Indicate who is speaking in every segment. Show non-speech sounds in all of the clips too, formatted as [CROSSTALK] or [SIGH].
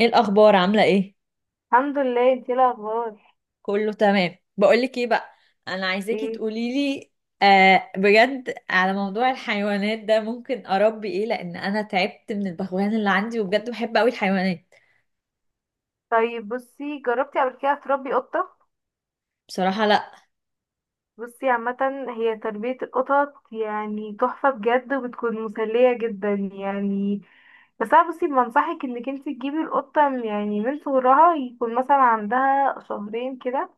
Speaker 1: ايه الاخبار، عامله ايه؟
Speaker 2: الحمد لله. انتي ايه الاخبار؟
Speaker 1: كله تمام. بقولك ايه بقى، انا عايزاكي
Speaker 2: ايه.
Speaker 1: تقوليلي. آه، بجد، على موضوع الحيوانات ده ممكن اربي ايه؟ لان انا تعبت من البغبغان اللي عندي، وبجد بحب قوي الحيوانات.
Speaker 2: طيب بصي، جربتي قبل كده تربي قطة؟
Speaker 1: بصراحه لا.
Speaker 2: بصي عامة، هي تربية القطط يعني تحفة بجد، وبتكون مسلية جدا يعني. بس انا بصي بنصحك انك انتي تجيبي القطة يعني من صغرها، يكون مثلا عندها شهرين كده.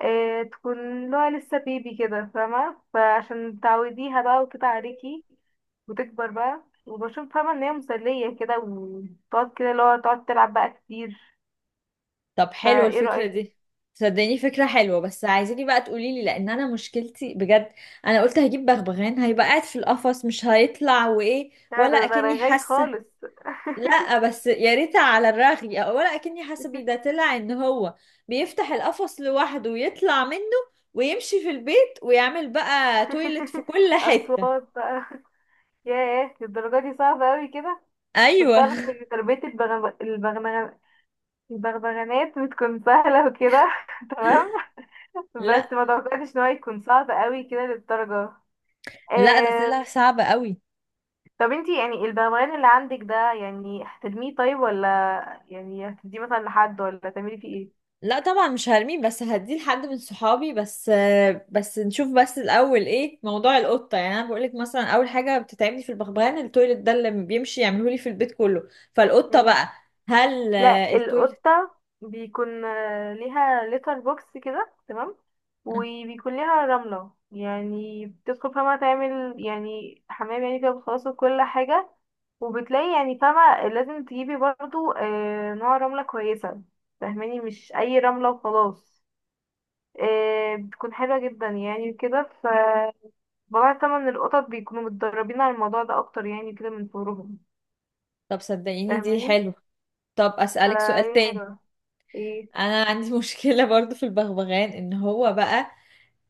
Speaker 2: اه، تكون لها لسه بيبي كده، فاهمة؟ فعشان تعوديها بقى وكده عليكي. وتكبر بقى، وبشوف فاهمة ان هي مسلية كده، وتقعد كده اللي هو تقعد تلعب بقى كتير.
Speaker 1: طب حلوه
Speaker 2: فايه
Speaker 1: الفكره
Speaker 2: رأيك؟
Speaker 1: دي. صدقيني فكره حلوه، بس عايزاكي بقى تقوليلي لان انا مشكلتي بجد. انا قلت هجيب بغبغان هيبقى قاعد في القفص مش هيطلع، وايه،
Speaker 2: لا،
Speaker 1: ولا
Speaker 2: ده
Speaker 1: اكني
Speaker 2: رغاي
Speaker 1: حاسه.
Speaker 2: خالص.
Speaker 1: لا، بس يا ريت على الرغي، ولا اكني حاسبي ده طلع ان هو بيفتح القفص لوحده ويطلع منه، ويمشي في البيت ويعمل بقى تويلت في
Speaker 2: [LAUGHS]
Speaker 1: كل حتة.
Speaker 2: اصوات بقى. ياه، الدرجة دي صعبة قوي كده. كنت
Speaker 1: ايوه
Speaker 2: اعرف
Speaker 1: [LAUGHS]
Speaker 2: ان تربية البغبغانات بتكون سهلة وكده. [LAUGHS] تمام.
Speaker 1: لا
Speaker 2: بس ما توقعتش ان هو يكون صعب قوي كده للدرجة.
Speaker 1: لا، ده
Speaker 2: آه...
Speaker 1: طلع صعب قوي.
Speaker 2: طب انتي يعني البغبغان اللي عندك ده يعني هترميه طيب، ولا يعني هتديه مثلا لحد، ولا تعملي فيه ايه؟
Speaker 1: لا طبعا مش هرميه، بس هديه لحد من صحابي بس. بس نشوف بس الاول ايه موضوع القطه. يعني انا بقولك مثلا اول حاجه بتتعبني في البغبغان التويلت ده اللي بيمشي يعمله لي في البيت كله. فالقطه بقى، هل
Speaker 2: لا،
Speaker 1: التويلت؟
Speaker 2: القطة بيكون ليها لتر بوكس كده، تمام.
Speaker 1: آه،
Speaker 2: وبيكون ليها رملة، يعني بتدخل فما تعمل يعني حمام يعني كده بتخلص كل حاجة. وبتلاقي يعني فاهمة لازم تجيبي برضو نوع رملة كويسة. فاهماني؟ مش أي رملة وخلاص. بتكون حلوة جدا يعني كده. ف بضاعة تمن القطط بيكونوا متدربين على الموضوع ده أكتر يعني كده من صغرهم.
Speaker 1: طب صدقيني دي
Speaker 2: فاهماني؟
Speaker 1: حلو. طب أسألك سؤال
Speaker 2: فهي
Speaker 1: تاني.
Speaker 2: حلوة. ايه؟
Speaker 1: أنا عندي [LAUGHS] مشكلة برضو في البغبغان إن هو بقى،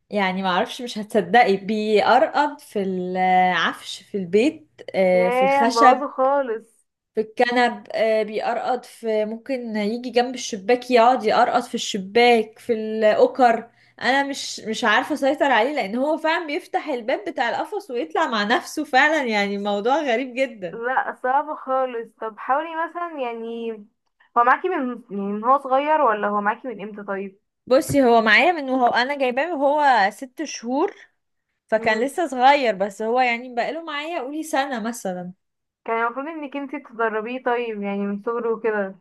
Speaker 1: يعني معرفش، مش هتصدقي، بيقرقض في العفش في البيت، في
Speaker 2: ياه،
Speaker 1: الخشب،
Speaker 2: مبوظه خالص.
Speaker 1: في الكنب، بيقرقض في، ممكن يجي جنب الشباك يقعد يقرقض في الشباك، في الأوكر. أنا مش عارفة أسيطر عليه، لأن هو فعلا بيفتح الباب بتاع القفص ويطلع مع نفسه، فعلا يعني موضوع غريب جدا.
Speaker 2: لا، صعب خالص. طب حاولي مثلا يعني. هو معاكي من يعني من هو صغير، ولا هو معاكي من امتى طيب؟
Speaker 1: بصي هو معايا من وهو أنا جايباه وهو ست شهور، فكان
Speaker 2: مم.
Speaker 1: لسه صغير، بس هو يعني بقاله معايا قولي سنة مثلا.
Speaker 2: كان المفروض انك انتي تدربيه طيب يعني من صغره وكده.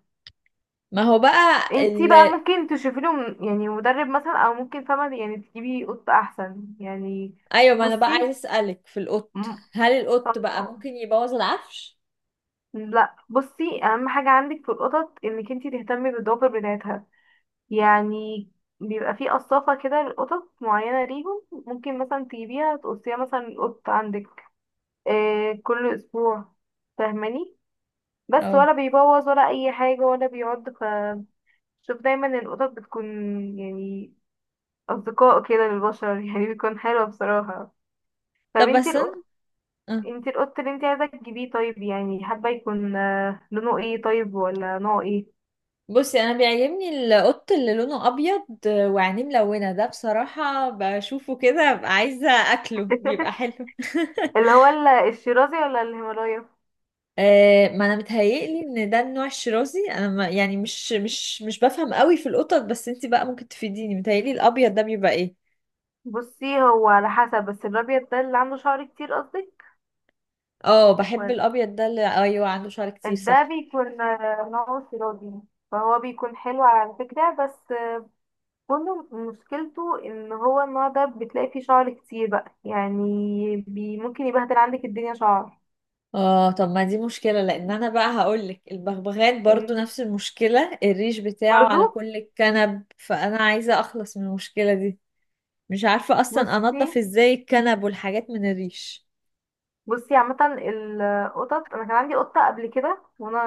Speaker 1: ما هو بقى
Speaker 2: انتي بقى ممكن تشوفي له يعني مدرب مثلا، او ممكن فاهمة يعني تجيبي قط احسن يعني.
Speaker 1: ايوه، ما انا بقى عايز
Speaker 2: بصي.
Speaker 1: اسألك في القط،
Speaker 2: م-
Speaker 1: هل القط بقى
Speaker 2: اه،
Speaker 1: ممكن يبوظ العفش؟
Speaker 2: لا بصي اهم حاجة عندك في القطط انك انتي تهتمي بالدوبر بتاعتها. يعني بيبقى فيه قصافة كده لقطط معينة ليهم. ممكن مثلا تجيبيها تقصيها مثلا القط عندك آه كل أسبوع. فاهماني؟ بس
Speaker 1: اه.
Speaker 2: ولا بيبوظ ولا أي حاجة ولا بيعض. فشوف دايما القطط بتكون يعني أصدقاء كده للبشر. [LAUGHS] يعني بيكون حلوة بصراحة. طب
Speaker 1: طب
Speaker 2: انتي
Speaker 1: بس انا،
Speaker 2: القط
Speaker 1: آه.
Speaker 2: انتي القط اللي انتي عايزة تجيبيه طيب، يعني حابة يكون لونه ايه طيب، ولا نوعه ايه؟
Speaker 1: بصي انا بيعجبني القط اللي لونه ابيض وعينيه ملونة، ده بصراحة بشوفه كده ببقى عايزة اكله، بيبقى
Speaker 2: [LAUGHS]
Speaker 1: حلو [LAUGHS]
Speaker 2: اللي هو الشيرازي، ولا الهيمالايا؟
Speaker 1: ما انا متهيألي ان ده النوع الشرازي، انا ما يعني مش بفهم قوي في القطط، بس انتي بقى ممكن تفيديني. متهيألي الابيض ده بيبقى ايه؟
Speaker 2: بصي، هو على حسب، بس الابيض ده اللي عنده شعر كتير قصدك؟
Speaker 1: اه، بحب
Speaker 2: ولا-
Speaker 1: الابيض ده، اللي ايوه عنده شعر كتير
Speaker 2: ده
Speaker 1: صح.
Speaker 2: بيكون نوعه سرادي. فهو بيكون حلو على فكرة، بس كله مشكلته ان هو النوع ده بتلاقي فيه شعر كتير بقى يعني. ممكن يبهدل عندك الدنيا شعر.
Speaker 1: اه، طب ما دي مشكلة، لان انا بقى هقولك البغبغان برضو
Speaker 2: فاهمني؟
Speaker 1: نفس المشكلة، الريش بتاعه
Speaker 2: برضو.
Speaker 1: على كل الكنب، فانا عايزة اخلص من المشكلة دي. مش عارفة اصلا
Speaker 2: بصي
Speaker 1: انضف ازاي الكنب والحاجات من الريش.
Speaker 2: بصي عامة القطط، انا كان عندي قطة قبل كده وانا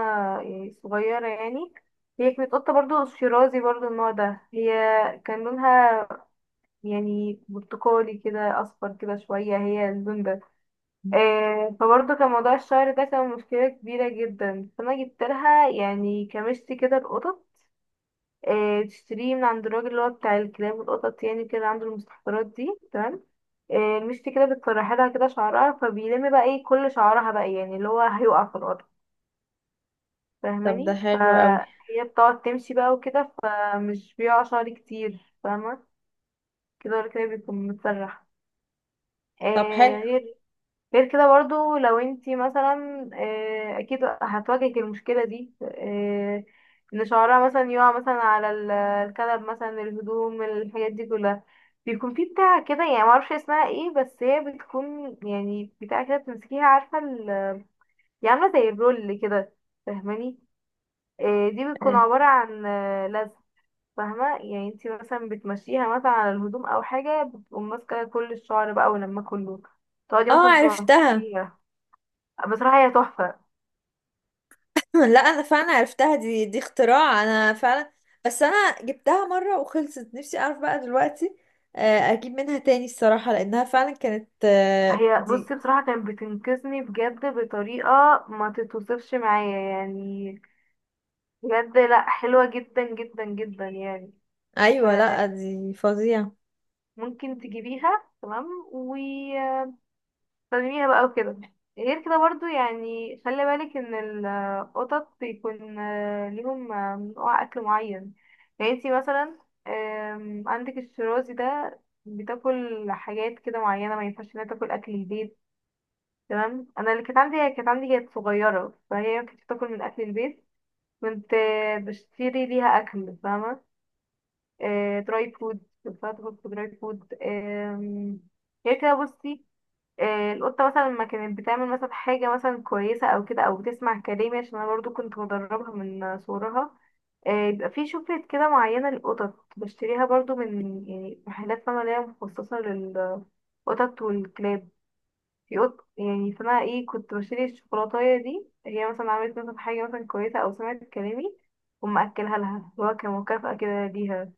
Speaker 2: يعني صغيرة يعني. هي كانت قطة برضو شيرازي، برضو النوع ده. هي كان لونها يعني برتقالي كده اصفر كده شويه، هي البنبه. آه، فبرضه كان موضوع الشعر ده كان مشكله كبيره جدا. فانا جبت لها يعني كمشتي كده القطط. آه، تشتريه من عند الراجل اللي هو بتاع الكلاب والقطط يعني كده عنده المستحضرات دي. تمام. آه، المشتي كده بتسرحي لها كده شعرها فبيلم بقى ايه كل شعرها بقى يعني اللي هو هيقع في الارض.
Speaker 1: طب ده
Speaker 2: فاهماني؟
Speaker 1: حلو قوي.
Speaker 2: فهي بتقعد تمشي بقى وكده، فمش بيقع شعر كتير. فاهمه كده، ولا كده بيكون متسرح.
Speaker 1: طب حلو.
Speaker 2: آه، غير كده برضو لو انتي مثلا اكيد هتواجهك المشكلة دي ان شعرها مثلا يقع مثلا على الكنب مثلا، الهدوم، الحاجات دي كلها. بيكون في بتاع كده يعني معرفش اسمها ايه، بس هي بتكون يعني بتاع كده بتمسكيها، عارفة هي عاملة زي الرول كده. فاهماني؟ دي بتكون
Speaker 1: آه،
Speaker 2: عبارة عن لزق. فاهمة؟ يعني انتي مثلا بتمشيها مثلا على الهدوم او حاجة، بتقوم ماسكة كل الشعر بقى، ولما كله تقعدي
Speaker 1: اه
Speaker 2: مثلا
Speaker 1: عرفتها.
Speaker 2: تنظفيها. بصراحة هي تحفة.
Speaker 1: [LAUGHS] لا انا فعلا عرفتها، دي اختراع انا فعلا. بس انا جبتها مرة وخلصت نفسي، اعرف بقى دلوقتي اجيب منها تاني الصراحة، لانها فعلا كانت
Speaker 2: هي
Speaker 1: دي.
Speaker 2: بصي بصراحة كانت بتنقذني بجد بطريقة ما تتوصفش معايا يعني. بجد لا حلوة جدا جدا جدا يعني. ف-
Speaker 1: ايوه لا دي فظيعة.
Speaker 2: ممكن تجيبيها، تمام، وتستخدميها بقى وكده. غير كده برضو يعني خلي بالك ان القطط بيكون ليهم نوع اكل معين. يعني انتي مثلا عندك الشرازي ده بتاكل حاجات كده معينة، ما ينفعش انها تاكل اكل البيت. تمام. انا اللي كانت عندي كانت صغيره، فهي كانت بتاكل من اكل البيت. كنت بشتري ليها اكل فاهمه دراي فود، كنت باكل في دراي فود. هي كده بصي. القطه مثلا لما كانت بتعمل مثلا حاجه مثلا كويسه او كده، او بتسمع كلامي، عشان انا برضو كنت مدربها من صغرها. يبقى في شوكليت كده معينه للقطط بشتريها برضو من يعني محلات، فاهمه؟ اللي هي مخصصه للقطط والكلاب. في قط يعني اسمها ايه، كنت بشتري الشوكولاتاية دي. هي مثلا عملت مثلا حاجة مثلا كويسة، أو سمعت كلامي، وما أكلها لها اللي هو كمكافأة كده ليها.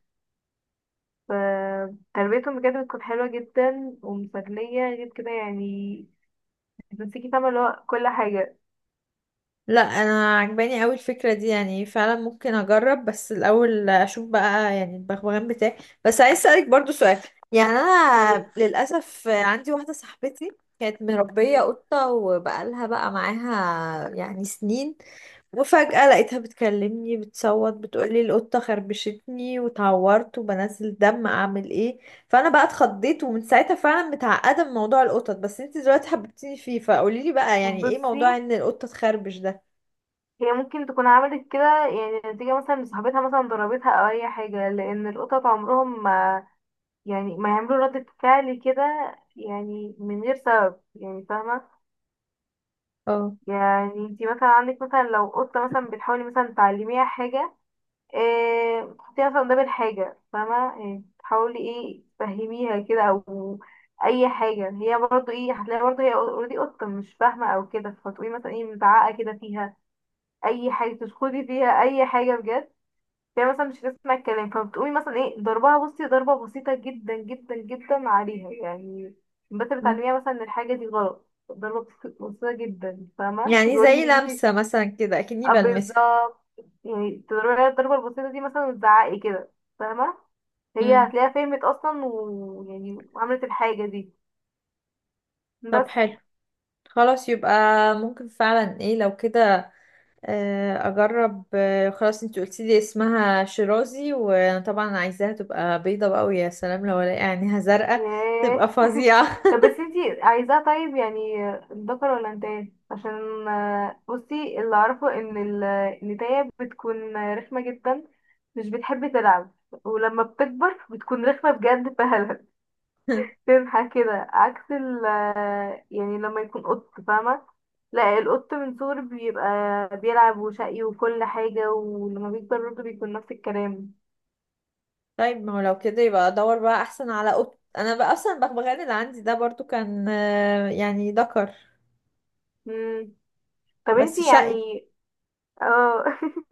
Speaker 2: فتربيتهم بجد بتكون حلوة جدا ومسلية، غير كده يعني بتمسكي فاهمة اللي هو كل حاجة.
Speaker 1: لا انا عجباني قوي الفكره دي، يعني فعلا ممكن اجرب بس الاول اشوف بقى يعني البغبغان بتاعي. بس عايز اسالك برضو سؤال. يعني
Speaker 2: إيه،
Speaker 1: انا للاسف عندي واحده صاحبتي كانت مربيه
Speaker 2: م-
Speaker 1: قطه وبقالها بقى معاها يعني سنين، وفجاه لقيتها بتكلمني بتصوت بتقولي القطه خربشتني وتعورت وبنزل دم، اعمل ايه؟ فانا بقى اتخضيت، ومن ساعتها فعلا متعقده من موضوع القطط، بس انت دلوقتي حببتيني فيه، فقوليلي بقى يعني ايه
Speaker 2: بصي،
Speaker 1: موضوع ان القطه تخربش ده؟
Speaker 2: هي ممكن تكون عملت كده يعني نتيجة مثلا لصاحبتها مثلا ضربتها أو أي حاجة، لأن القطط عمرهم ما يعملوا ردة فعل كده يعني من غير سبب يعني. فاهمة؟
Speaker 1: اه.
Speaker 2: يعني انتي مثلا عندك مثلا لو قطة مثلا بتحاولي مثلا تعلميها حاجة. اه، تحطيها مثلا قدام الحاجة فاهمة يعني، تحاولي ايه تفهميها كده او اي حاجة. هي برضو ايه هتلاقي برضو هي اوريدي قطة مش فاهمة او كده، فتقولي مثلا ايه متعقة كده فيها. اي حاجة تشخدي فيها اي حاجة بجد. هي مثلا مش هتسمع الكلام، فبتقومي مثلا ايه ضربها. بصي، ضربة بسيطة جدا جدا جدا عليها يعني، بس
Speaker 1: مم.
Speaker 2: بتعلميها مثلا ان الحاجة دي غلط. ضربة بسيطة جدا فاهمة، مش
Speaker 1: يعني
Speaker 2: بقولك
Speaker 1: زي
Speaker 2: انك انتي.
Speaker 1: لمسة مثلا كده أكني بلمسها.
Speaker 2: بالظبط. يعني تضربي الضربة البسيطة دي مثلا وتزعقي كده. فاهمة؟ هي
Speaker 1: مم.
Speaker 2: هتلاقيها فهمت أصلا ويعني وعملت الحاجة دي.
Speaker 1: طب
Speaker 2: بس
Speaker 1: حلو. خلاص يبقى ممكن فعلا ايه لو كده. أجرب. خلاص، انتي قلتيلي اسمها شيرازي، وأنا طبعا عايزاها تبقى بيضة بقى، ويا سلام لو الاقي عينيها زرقاء
Speaker 2: ياه.
Speaker 1: تبقى
Speaker 2: [LAUGHS]
Speaker 1: فظيعة.
Speaker 2: طب بس انتي عايزاه طيب يعني ذكر ولا انتايه؟ عشان بصي اللي أعرفه إن النتاية بتكون رخمة جدا، مش بتحب تلعب، ولما بتكبر بتكون رخمة بجد فهلها
Speaker 1: [LAUGHS]
Speaker 2: تنحى كده، عكس ال يعني لما يكون قط. فاهمة؟ لا، القط من صغره بيبقى بيلعب وشقي وكل حاجة، ولما بيكبر برضه بيكون نفس الكلام.
Speaker 1: طيب ما هو لو كده يبقى ادور بقى احسن على قط، انا بقى اصلا البغبغان اللي عندي ده برضو كان يعني ذكر،
Speaker 2: مم. طب
Speaker 1: بس
Speaker 2: انتي
Speaker 1: شقي.
Speaker 2: يعني اه [LAUGHS]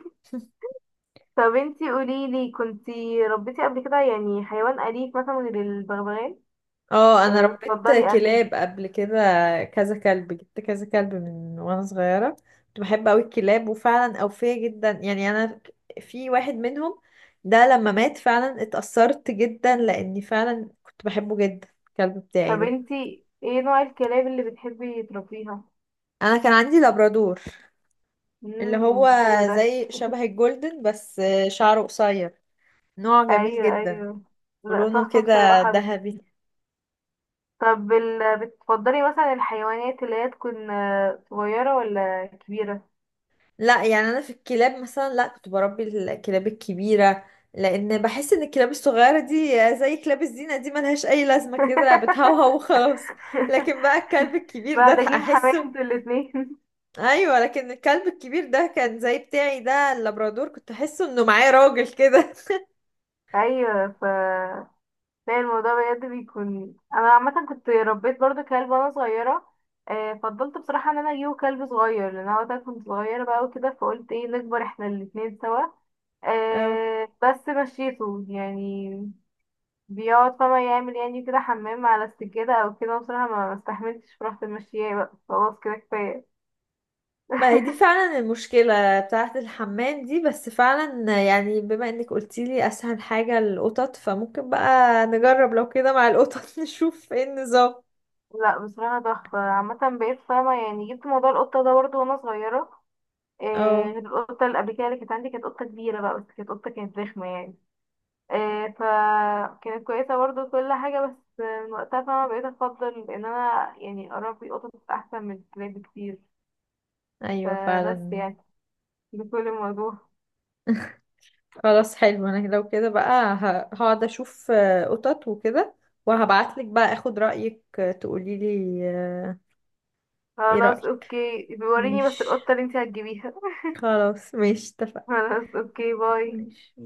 Speaker 2: طب انتي قوليلي كنتي ربيتي قبل كده يعني حيوان أليف مثلا غير البغبغان
Speaker 1: اه، انا
Speaker 2: ولا
Speaker 1: ربيت
Speaker 2: بتفضلي أنهي؟
Speaker 1: كلاب قبل كده، كذا كلب، جبت كذا كلب من وانا صغيره، كنت بحب قوي الكلاب وفعلا اوفيه جدا، يعني انا في واحد منهم، ده لما مات فعلا اتأثرت جدا لاني فعلا كنت بحبه جدا، الكلب بتاعي
Speaker 2: طب
Speaker 1: ده.
Speaker 2: انتي ايه نوع الكلاب اللي بتحبي تربيها؟
Speaker 1: انا كان عندي لابرادور، اللي
Speaker 2: امم،
Speaker 1: هو
Speaker 2: حلو ده.
Speaker 1: زي شبه
Speaker 2: [LAUGHS]
Speaker 1: الجولدن بس شعره قصير، نوع جميل
Speaker 2: ايوه
Speaker 1: جدا،
Speaker 2: ايوه. لا
Speaker 1: ولونه
Speaker 2: تحفة
Speaker 1: كده
Speaker 2: بصراحة.
Speaker 1: ذهبي.
Speaker 2: طب بتفضلي مثلا الحيوانات اللي هي تكون صغيرة ولا كبيرة؟
Speaker 1: لا يعني انا في الكلاب مثلا، لا كنت بربي الكلاب الكبيره، لان بحس ان الكلاب الصغيره دي زي كلاب الزينه، دي ملهاش اي لازمه، كده بتهوهو
Speaker 2: [LAUGHS]
Speaker 1: وخلاص. لكن بقى الكلب الكبير ده
Speaker 2: محتاجين حماية
Speaker 1: احسه،
Speaker 2: انتوا الاتنين. [LAUGHS]
Speaker 1: ايوه، لكن الكلب الكبير ده كان زي بتاعي ده اللابرادور، كنت احسه انه معاه راجل كده.
Speaker 2: ايوه ف. لا، الموضوع بجد بيكون انا عامة كنت ربيت برضو كلب وانا صغيرة. فضلت بصراحة ان انا اجيبه كلب صغير، لان انا وقتها كنت صغيرة بقى وكده، فقلت ايه نكبر احنا الاتنين سوا.
Speaker 1: [LAUGHS] اه،
Speaker 2: بس مشيته يعني بيقعد فما يعمل يعني كده حمام على السجادة او كده. بصراحة ما استحملتش، رحت ماشياه بقى، خلاص كده كفاية.
Speaker 1: ما هي
Speaker 2: [LAUGHS]
Speaker 1: دي فعلا المشكله بتاعه الحمام دي، بس فعلا يعني بما انك قلتيلي اسهل حاجه القطط، فممكن بقى نجرب لو كده مع القطط [LAUGHS] نشوف ايه النظام.
Speaker 2: لا بصراحة تحفة. عامة بقيت فاهمة يعني جبت موضوع القطة ده برضه وانا صغيرة. إيه،
Speaker 1: اه.
Speaker 2: غير القطة اللي قبل كده اللي كانت عندي كانت قطة كبيرة بقى، بس كانت قطة كانت رخمة يعني. إيه فكانت كويسة برضه كل حاجة، بس من وقتها فاهمة بقيت أفضل إن أنا يعني أربي قطط أحسن من الكلاب بكتير.
Speaker 1: ايوه
Speaker 2: فبس
Speaker 1: فعلا.
Speaker 2: يعني بكل الموضوع.
Speaker 1: خلاص حلو، انا لو كده بقى هقعد اشوف قطط وكده، وهبعتلك بقى اخد رأيك، تقوليلي ايه
Speaker 2: خلاص
Speaker 1: رأيك.
Speaker 2: اوكي، بيوريني بس
Speaker 1: ماشي.
Speaker 2: القطة اللي انتي هتجيبيها.
Speaker 1: خلاص ماشي اتفقنا.
Speaker 2: خلاص اوكي، باي.
Speaker 1: ماشي.